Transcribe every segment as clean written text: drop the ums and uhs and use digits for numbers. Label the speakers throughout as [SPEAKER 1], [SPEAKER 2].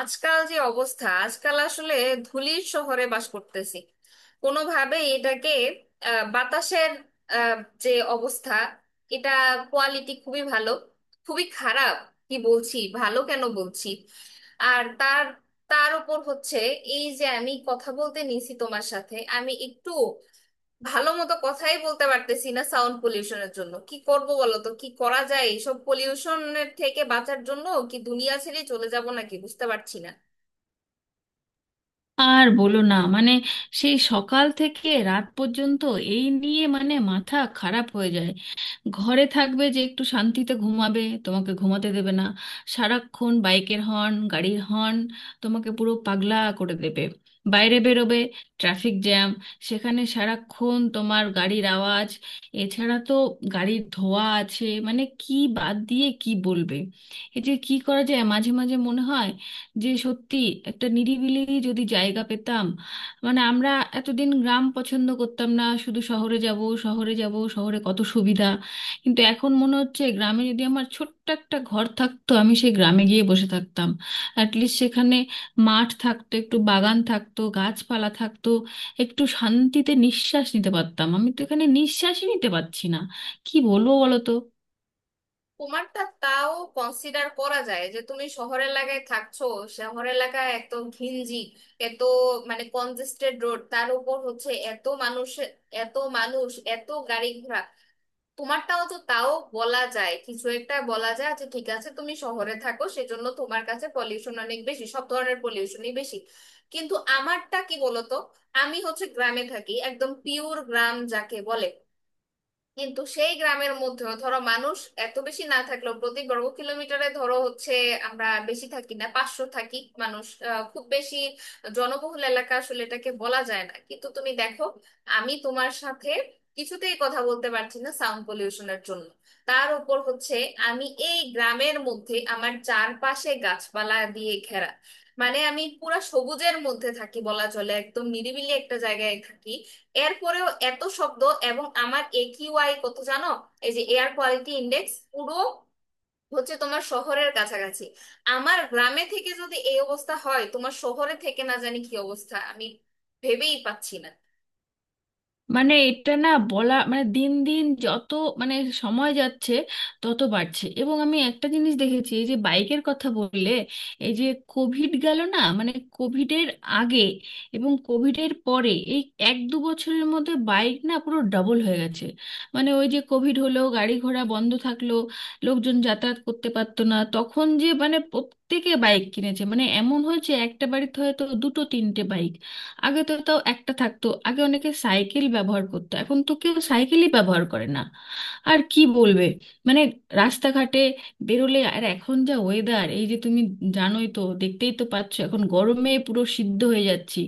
[SPEAKER 1] আজকাল যে অবস্থা আজকাল আসলে ধূলির শহরে বাস করতেছি। কোনোভাবেই এটাকে বাতাসের আহ, যে অবস্থা এটা, কোয়ালিটি খুবই ভালো খুবই খারাপ কি বলছি, ভালো কেন বলছি। আর তার তার উপর হচ্ছে এই যে আমি কথা বলতে নিছি তোমার সাথে, আমি একটু ভালো মতো কথাই বলতে পারতেছি না সাউন্ড পলিউশনের জন্য। কি করব বলো তো, কি করা যায় এইসব পলিউশনের থেকে বাঁচার জন্য? কি দুনিয়া ছেড়ে চলে যাব নাকি বুঝতে পারছি না।
[SPEAKER 2] আর বলো না। সেই সকাল থেকে রাত পর্যন্ত এই নিয়ে মাথা খারাপ হয়ে যায়। ঘরে থাকবে যে একটু শান্তিতে ঘুমাবে, তোমাকে ঘুমাতে দেবে না। সারাক্ষণ বাইকের হর্ন, গাড়ির হর্ন, তোমাকে পুরো পাগলা করে দেবে। বাইরে বেরোবে, ট্রাফিক জ্যাম, সেখানে সারাক্ষণ তোমার গাড়ির আওয়াজ। এছাড়া তো গাড়ির ধোঁয়া আছে, কি বাদ দিয়ে কি বলবে। এই যে, কি করা যায় মাঝে মাঝে মনে হয়, যে সত্যি একটা নিরিবিলি যদি জায়গা পেতাম। আমরা এতদিন গ্রাম পছন্দ করতাম না, শুধু শহরে যাব, শহরে যাব, শহরে কত সুবিধা। কিন্তু এখন মনে হচ্ছে গ্রামে যদি আমার ছোট্ট একটা ঘর থাকতো, আমি সেই গ্রামে গিয়ে বসে থাকতাম। অ্যাটলিস্ট সেখানে মাঠ থাকতো, একটু বাগান থাকতো, গাছপালা থাকতো, একটু শান্তিতে নিঃশ্বাস নিতে পারতাম। আমি তো এখানে নিঃশ্বাসই নিতে পারছি না, কি বলবো বলো তো।
[SPEAKER 1] তোমারটা তাও কনসিডার করা যায় যে তুমি শহর এলাকায় থাকছো। শহর এলাকায় এত ঘিঞ্জি, এত মানে কনজেস্টেড রোড, তার উপর হচ্ছে এত মানুষ, এত মানুষ, এত গাড়ি ঘোড়া। তোমারটাও তো তাও বলা যায়, কিছু একটা বলা যায়। আচ্ছা ঠিক আছে, তুমি শহরে থাকো সেজন্য তোমার কাছে পলিউশন অনেক বেশি, সব ধরনের পলিউশনই বেশি। কিন্তু আমারটা কি বলতো, আমি হচ্ছে গ্রামে থাকি, একদম পিওর গ্রাম যাকে বলে। কিন্তু সেই গ্রামের মধ্যেও ধরো মানুষ এত বেশি না থাকলেও, প্রতি বর্গ কিলোমিটারে ধরো হচ্ছে আমরা বেশি থাকি না, 500 থাকি মানুষ। খুব বেশি জনবহুল এলাকা আসলে এটাকে বলা যায় না। কিন্তু তুমি দেখো, আমি তোমার সাথে কিছুতেই কথা বলতে পারছি না সাউন্ড পলিউশনের জন্য। তার উপর হচ্ছে আমি এই গ্রামের মধ্যে, আমার চারপাশে গাছপালা দিয়ে ঘেরা, মানে আমি পুরা সবুজের মধ্যে থাকি বলা চলে, একদম নিরিবিলি একটা জায়গায় থাকি। এরপরেও এত শব্দ। এবং আমার একিউআই কত জানো, এই যে এয়ার কোয়ালিটি ইন্ডেক্স, পুরো হচ্ছে তোমার শহরের কাছাকাছি। আমার গ্রামে থেকে যদি এই অবস্থা হয়, তোমার শহরে থেকে না জানি কি অবস্থা, আমি ভেবেই পাচ্ছি না।
[SPEAKER 2] এটা না বলা, দিন দিন যত মানে সময় যাচ্ছে তত বাড়ছে। এবং আমি একটা জিনিস দেখেছি, এই যে বাইকের কথা বললে, এই যে কোভিড গেল না, কোভিডের আগে এবং কোভিডের পরে এই এক 2 বছরের মধ্যে বাইক না পুরো ডাবল হয়ে গেছে। ওই যে কোভিড হলো, গাড়ি ঘোড়া বন্ধ থাকলো, লোকজন যাতায়াত করতে পারতো না, তখন যে প্রত্যেকে বাইক কিনেছে। এমন হয়েছে একটা বাড়িতে হয়তো দুটো তিনটে বাইক, আগে তো তাও একটা থাকতো। আগে অনেকে সাইকেল ব্যবহার করতো, এখন তো কেউ সাইকেলই ব্যবহার করে না। আর কি বলবে, মানে রাস্তাঘাটে বেরোলে আর এখন যা ওয়েদার, এই যে তুমি জানোই তো, দেখতেই তো পাচ্ছ এখন গরমে পুরো সিদ্ধ হয়ে যাচ্ছি।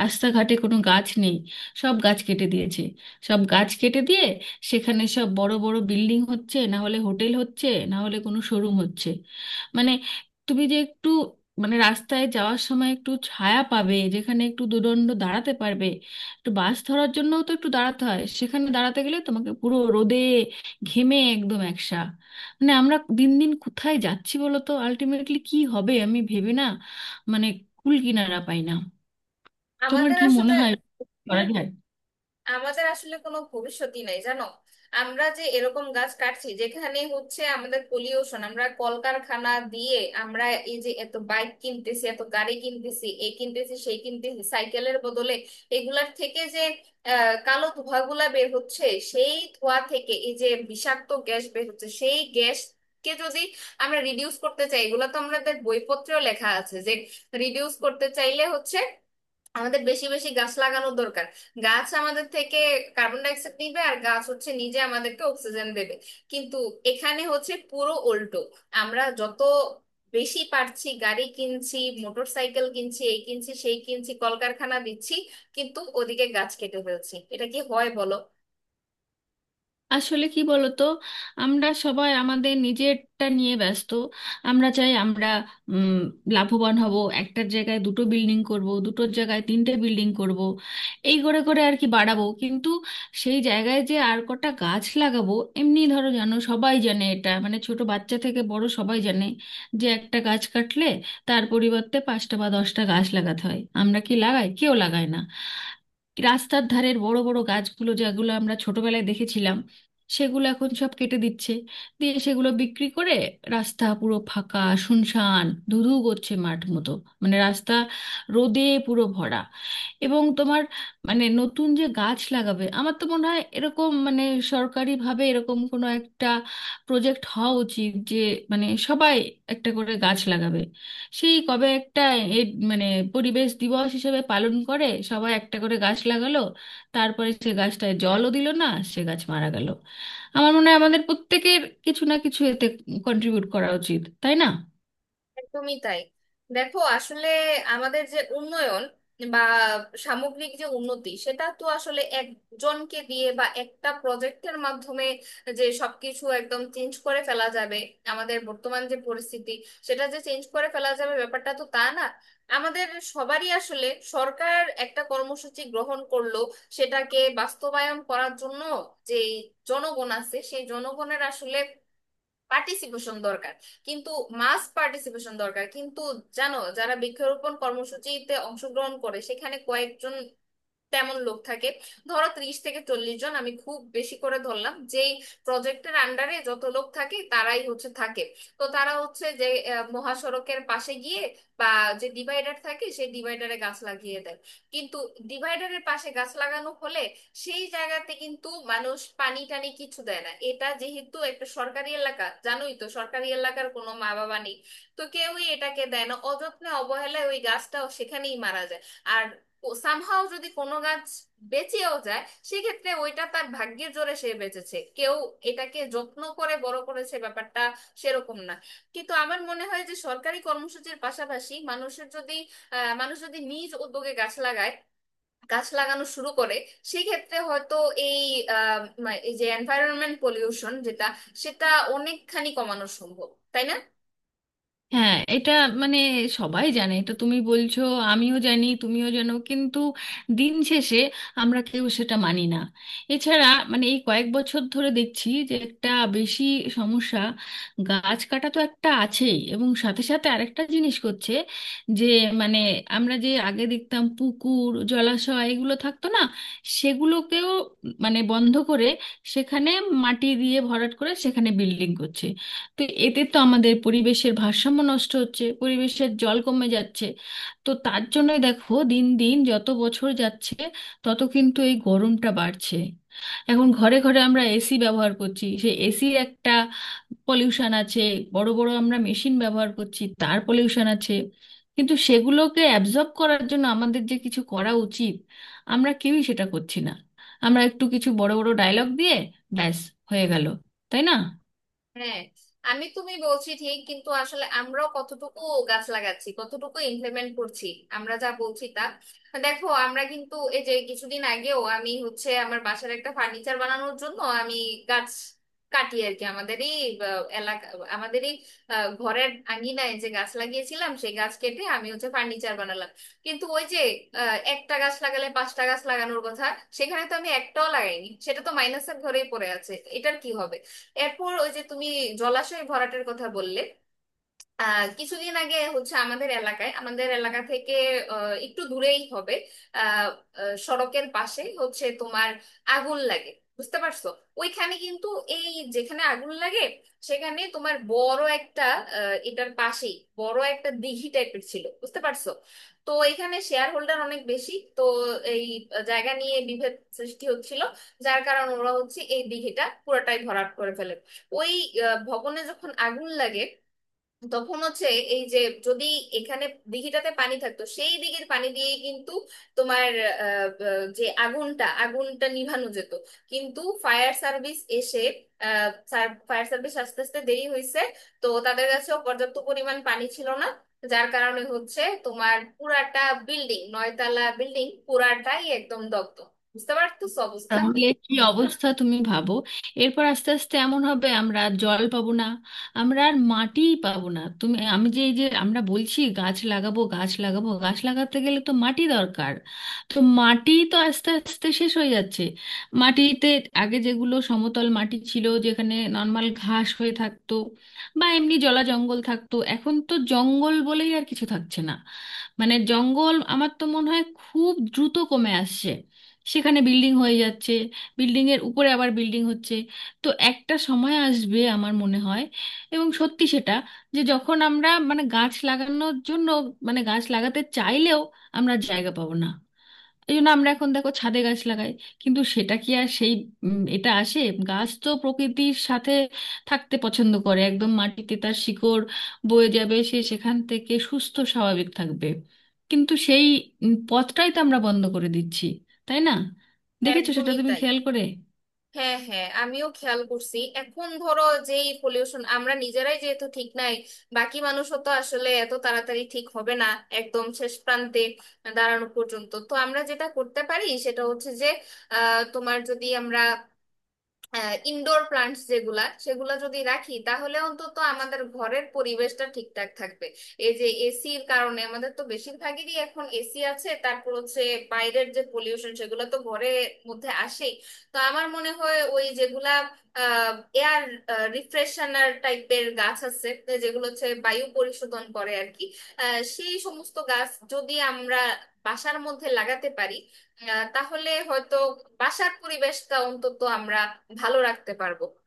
[SPEAKER 2] রাস্তাঘাটে কোনো গাছ নেই, সব গাছ কেটে দিয়েছে। সব গাছ কেটে দিয়ে সেখানে সব বড় বড় বিল্ডিং হচ্ছে, না হলে হোটেল হচ্ছে, না হলে কোনো শোরুম হচ্ছে। মানে তুমি যে একটু মানে রাস্তায় যাওয়ার সময় একটু ছায়া পাবে, যেখানে একটু দুদণ্ড দাঁড়াতে পারবে, একটু বাস ধরার জন্যও তো একটু দাঁড়াতে হয়, সেখানে দাঁড়াতে গেলে তোমাকে পুরো রোদে ঘেমে একদম একসা। আমরা দিন দিন কোথায় যাচ্ছি বলো তো, আলটিমেটলি কি হবে আমি ভেবে না, মানে কুল কিনারা পাই না। তোমার
[SPEAKER 1] আমাদের
[SPEAKER 2] কি মনে
[SPEAKER 1] আসলে
[SPEAKER 2] হয় করা যায়?
[SPEAKER 1] আমাদের আসলে কোনো ভবিষ্যৎই নাই জানো। আমরা যে এরকম গাছ কাটছি, যেখানে হচ্ছে আমাদের পলিউশন, আমরা কলকারখানা দিয়ে আমরা এই যে এত বাইক কিনতেছি, এত গাড়ি কিনতেছি, এই কিনতেছি সেই কিনতেছি সাইকেলের বদলে, এগুলার থেকে যে কালো ধোঁয়াগুলা বের হচ্ছে, সেই ধোঁয়া থেকে এই যে বিষাক্ত গ্যাস বের হচ্ছে, সেই গ্যাস কে যদি আমরা রিডিউস করতে চাই, এগুলো তো আমাদের বইপত্রেও লেখা আছে যে রিডিউস করতে চাইলে হচ্ছে আমাদের বেশি বেশি গাছ লাগানো দরকার। গাছ আমাদের থেকে কার্বন ডাই অক্সাইড নিবে, আর গাছ হচ্ছে নিজে আমাদেরকে অক্সিজেন দেবে। কিন্তু এখানে হচ্ছে পুরো উল্টো। আমরা যত বেশি পারছি গাড়ি কিনছি, মোটর সাইকেল কিনছি, এই কিনছি সেই কিনছি, কলকারখানা দিচ্ছি, কিন্তু ওদিকে গাছ কেটে ফেলছি। এটা কি হয় বলো।
[SPEAKER 2] আসলে কি বলতো, আমরা সবাই আমাদের নিজেরটা নিয়ে ব্যস্ত। আমরা চাই আমরা উম, লাভবান হব, একটার জায়গায় দুটো বিল্ডিং করব, দুটোর জায়গায় তিনটে বিল্ডিং করব। এই করে করে আর কি বাড়াবো, কিন্তু সেই জায়গায় যে আর কটা গাছ লাগাবো। এমনি ধরো জানো, সবাই জানে এটা, ছোট বাচ্চা থেকে বড় সবাই জানে যে একটা গাছ কাটলে তার পরিবর্তে 5টা বা 10টা গাছ লাগাতে হয়। আমরা কি লাগাই? কেউ লাগায় না। রাস্তার ধারের বড় বড় গাছগুলো যেগুলো আমরা ছোটবেলায় দেখেছিলাম, সেগুলো এখন সব কেটে দিচ্ছে, দিয়ে সেগুলো বিক্রি করে। রাস্তা পুরো ফাঁকা, শুনশান, ধুধু করছে মাঠ মতো। রাস্তা রোদে পুরো ভরা। এবং তোমার, নতুন যে গাছ লাগাবে, আমার তো মনে হয় এরকম, সরকারিভাবে এরকম কোনো একটা প্রজেক্ট হওয়া উচিত, যে সবাই একটা করে গাছ লাগাবে। সেই কবে একটা এ, মানে পরিবেশ দিবস হিসেবে পালন করে সবাই একটা করে গাছ লাগালো, তারপরে সে গাছটায় জলও দিল না, সে গাছ মারা গেল। আমার মনে হয় আমাদের প্রত্যেকের কিছু না কিছু এতে কন্ট্রিবিউট করা উচিত, তাই না?
[SPEAKER 1] একদমই তাই। দেখো আসলে আমাদের যে উন্নয়ন বা সামগ্রিক যে উন্নতি, সেটা তো আসলে একজনকে দিয়ে বা একটা প্রজেক্টের মাধ্যমে যে সবকিছু একদম চেঞ্জ করে ফেলা যাবে, আমাদের বর্তমান যে পরিস্থিতি সেটা যে চেঞ্জ করে ফেলা যাবে, ব্যাপারটা তো তা না। আমাদের সবারই আসলে, সরকার একটা কর্মসূচি গ্রহণ করলো, সেটাকে বাস্তবায়ন করার জন্য যে জনগণ আছে সেই জনগণের আসলে পার্টিসিপেশন দরকার, কিন্তু মাস পার্টিসিপেশন দরকার। কিন্তু জানো, যারা বৃক্ষরোপণ কর্মসূচিতে অংশগ্রহণ করে, সেখানে কয়েকজন তেমন লোক থাকে, ধরো 30 থেকে 40 জন, আমি খুব বেশি করে ধরলাম। যেই প্রজেক্টের আন্ডারে যত লোক থাকে তারাই হচ্ছে থাকে। তো তারা হচ্ছে যে মহাসড়কের পাশে গিয়ে বা যে ডিভাইডার থাকে সেই ডিভাইডারে গাছ লাগিয়ে দেয়। কিন্তু ডিভাইডারের পাশে গাছ লাগানো হলে সেই জায়গাতে কিন্তু মানুষ পানি টানি কিছু দেয় না। এটা যেহেতু একটা সরকারি এলাকা, জানোই তো সরকারি এলাকার কোনো মা বাবা নেই, তো কেউই এটাকে দেয় না। অযত্নে অবহেলায় ওই গাছটাও সেখানেই মারা যায়। আর সামহাও যদি কোনো গাছ বেঁচেও যায়, সেক্ষেত্রে ওইটা তার ভাগ্যের জোরে সে বেঁচেছে, কেউ এটাকে যত্ন করে বড় করেছে ব্যাপারটা সেরকম না। কিন্তু আমার মনে হয় যে সরকারি কর্মসূচির পাশাপাশি মানুষের যদি মানুষ যদি নিজ উদ্যোগে গাছ লাগায়, গাছ লাগানো শুরু করে, সেক্ষেত্রে হয়তো এই আহ, এই যে এনভায়রনমেন্ট পলিউশন যেটা, সেটা অনেকখানি কমানো সম্ভব, তাই না।
[SPEAKER 2] হ্যাঁ এটা, মানে সবাই জানে এটা, তুমি বলছো, আমিও জানি, তুমিও জানো, কিন্তু দিন শেষে আমরা কেউ সেটা মানি না। এছাড়া এই কয়েক বছর ধরে দেখছি যে একটা বেশি সমস্যা, গাছ কাটা তো একটা আছেই, এবং সাথে সাথে আরেকটা জিনিস করছে যে মানে আমরা যে আগে দেখতাম পুকুর জলাশয় এগুলো থাকতো না, সেগুলোকেও বন্ধ করে সেখানে মাটি দিয়ে ভরাট করে সেখানে বিল্ডিং করছে। তো এতে তো আমাদের পরিবেশের ভারসাম্য নষ্ট হচ্ছে, পরিবেশের জল কমে যাচ্ছে। তো তার জন্যই দেখো দিন দিন যত বছর যাচ্ছে তত কিন্তু এই গরমটা বাড়ছে। এখন ঘরে ঘরে আমরা এসি ব্যবহার করছি, সেই এসির একটা পলিউশন আছে, বড় বড় আমরা মেশিন ব্যবহার করছি, তার পলিউশন আছে। কিন্তু সেগুলোকে অ্যাবজর্ব করার জন্য আমাদের যে কিছু করা উচিত, আমরা কেউই সেটা করছি না। আমরা একটু কিছু বড় বড় ডায়লগ দিয়ে ব্যাস হয়ে গেল, তাই না?
[SPEAKER 1] হ্যাঁ, আমি তুমি বলছি ঠিক, কিন্তু আসলে আমরাও কতটুকু গাছ লাগাচ্ছি, কতটুকু ইমপ্লিমেন্ট করছি আমরা যা বলছি তা। দেখো আমরা কিন্তু এই যে কিছুদিন আগেও আমি হচ্ছে আমার বাসার একটা ফার্নিচার বানানোর জন্য আমি গাছ কাটি আর কি। আমাদেরই এলাকা, আমাদেরই ঘরের আঙিনায় যে গাছ লাগিয়েছিলাম সেই গাছ কেটে আমি হচ্ছে ফার্নিচার বানালাম। কিন্তু ওই যে একটা গাছ লাগালে 5টা গাছ লাগানোর কথা, সেখানে তো আমি একটাও লাগাইনি, সেটা তো মাইনাসের ঘরেই পড়ে আছে। এটার কি হবে। এরপর ওই যে তুমি জলাশয় ভরাটের কথা বললে, কিছুদিন আগে হচ্ছে আমাদের এলাকায়, আমাদের এলাকা থেকে একটু দূরেই হবে, আহ, আহ, সড়কের পাশে হচ্ছে তোমার আগুন লাগে, বুঝতে পারছো। ওইখানে কিন্তু এই যেখানে আগুন লাগে সেখানে তোমার বড় একটা, এটার পাশেই বড় একটা দিঘি টাইপের ছিল, বুঝতে পারছো। তো এখানে শেয়ার হোল্ডার অনেক বেশি, তো এই জায়গা নিয়ে বিভেদ সৃষ্টি হচ্ছিল, যার কারণে ওরা হচ্ছে এই দিঘিটা পুরোটাই ভরাট করে ফেলে। ওই ভবনে যখন আগুন লাগে, তখন হচ্ছে এই যে যদি এখানে দিঘিটাতে পানি থাকতো, সেই দিঘির পানি দিয়ে কিন্তু তোমার যে আগুনটা আগুনটা নিভানো যেত। কিন্তু ফায়ার সার্ভিস এসে, ফায়ার সার্ভিস আস্তে আস্তে দেরি হয়েছে, তো তাদের কাছেও পর্যাপ্ত পরিমাণ পানি ছিল না, যার কারণে হচ্ছে তোমার পুরাটা বিল্ডিং, 9তলা বিল্ডিং পুরাটাই একদম দগ্ধ, বুঝতে পারতো অবস্থা।
[SPEAKER 2] তাহলে কি অবস্থা তুমি ভাবো, এরপর আস্তে আস্তে এমন হবে আমরা আর জল পাবো না, আমরা আর মাটিই পাবো না। তুমি আমি যে এই যে আমরা বলছি গাছ লাগাবো, গাছ লাগাবো, গাছ লাগাতে গেলে তো মাটি দরকার, তো মাটি তো আস্তে আস্তে শেষ হয়ে যাচ্ছে। মাটিতে আগে যেগুলো সমতল মাটি ছিল যেখানে নর্মাল ঘাস হয়ে থাকতো বা এমনি জলা জঙ্গল থাকতো, এখন তো জঙ্গল বলেই আর কিছু থাকছে না। জঙ্গল আমার তো মনে হয় খুব দ্রুত কমে আসছে, সেখানে বিল্ডিং হয়ে যাচ্ছে, বিল্ডিং এর উপরে আবার বিল্ডিং হচ্ছে। তো একটা সময় আসবে আমার মনে হয়, এবং সত্যি সেটা, যে যখন আমরা গাছ লাগানোর জন্য, গাছ লাগাতে চাইলেও আমরা জায়গা পাবো না। এই জন্য আমরা এখন দেখো ছাদে গাছ লাগাই, কিন্তু সেটা কি আর সেই এটা আসে। গাছ তো প্রকৃতির সাথে থাকতে পছন্দ করে, একদম মাটিতে তার শিকড় বয়ে যাবে, সে সেখান থেকে সুস্থ স্বাভাবিক থাকবে। কিন্তু সেই পথটাই তো আমরা বন্ধ করে দিচ্ছি, তাই না? দেখেছো সেটা
[SPEAKER 1] একদমই
[SPEAKER 2] তুমি
[SPEAKER 1] তাই।
[SPEAKER 2] খেয়াল করে।
[SPEAKER 1] হ্যাঁ হ্যাঁ, আমিও খেয়াল করছি। এখন ধরো যেই পলিউশন, আমরা নিজেরাই যেহেতু ঠিক নাই, বাকি মানুষও তো আসলে এত তাড়াতাড়ি ঠিক হবে না। একদম শেষ প্রান্তে দাঁড়ানো পর্যন্ত তো আমরা যেটা করতে পারি, সেটা হচ্ছে যে তোমার যদি আমরা ইনডোর প্লান্টস যেগুলা, সেগুলা যদি রাখি তাহলে অন্তত আমাদের ঘরের পরিবেশটা ঠিকঠাক থাকবে। এই যে এসির কারণে, আমাদের তো বেশিরভাগেরই এখন এসি আছে, তারপর হচ্ছে বাইরের যে পলিউশন সেগুলো তো ঘরের মধ্যে আসেই। তো আমার মনে হয় ওই যেগুলা এয়ার রিফ্রেশনার টাইপের গাছ আছে তো, যেগুলো হচ্ছে বায়ু পরিশোধন করে আর কি, সেই সমস্ত গাছ যদি আমরা বাসার মধ্যে লাগাতে পারি, তাহলে হয়তো বাসার পরিবেশটা অন্তত আমরা ভালো রাখতে পারবো।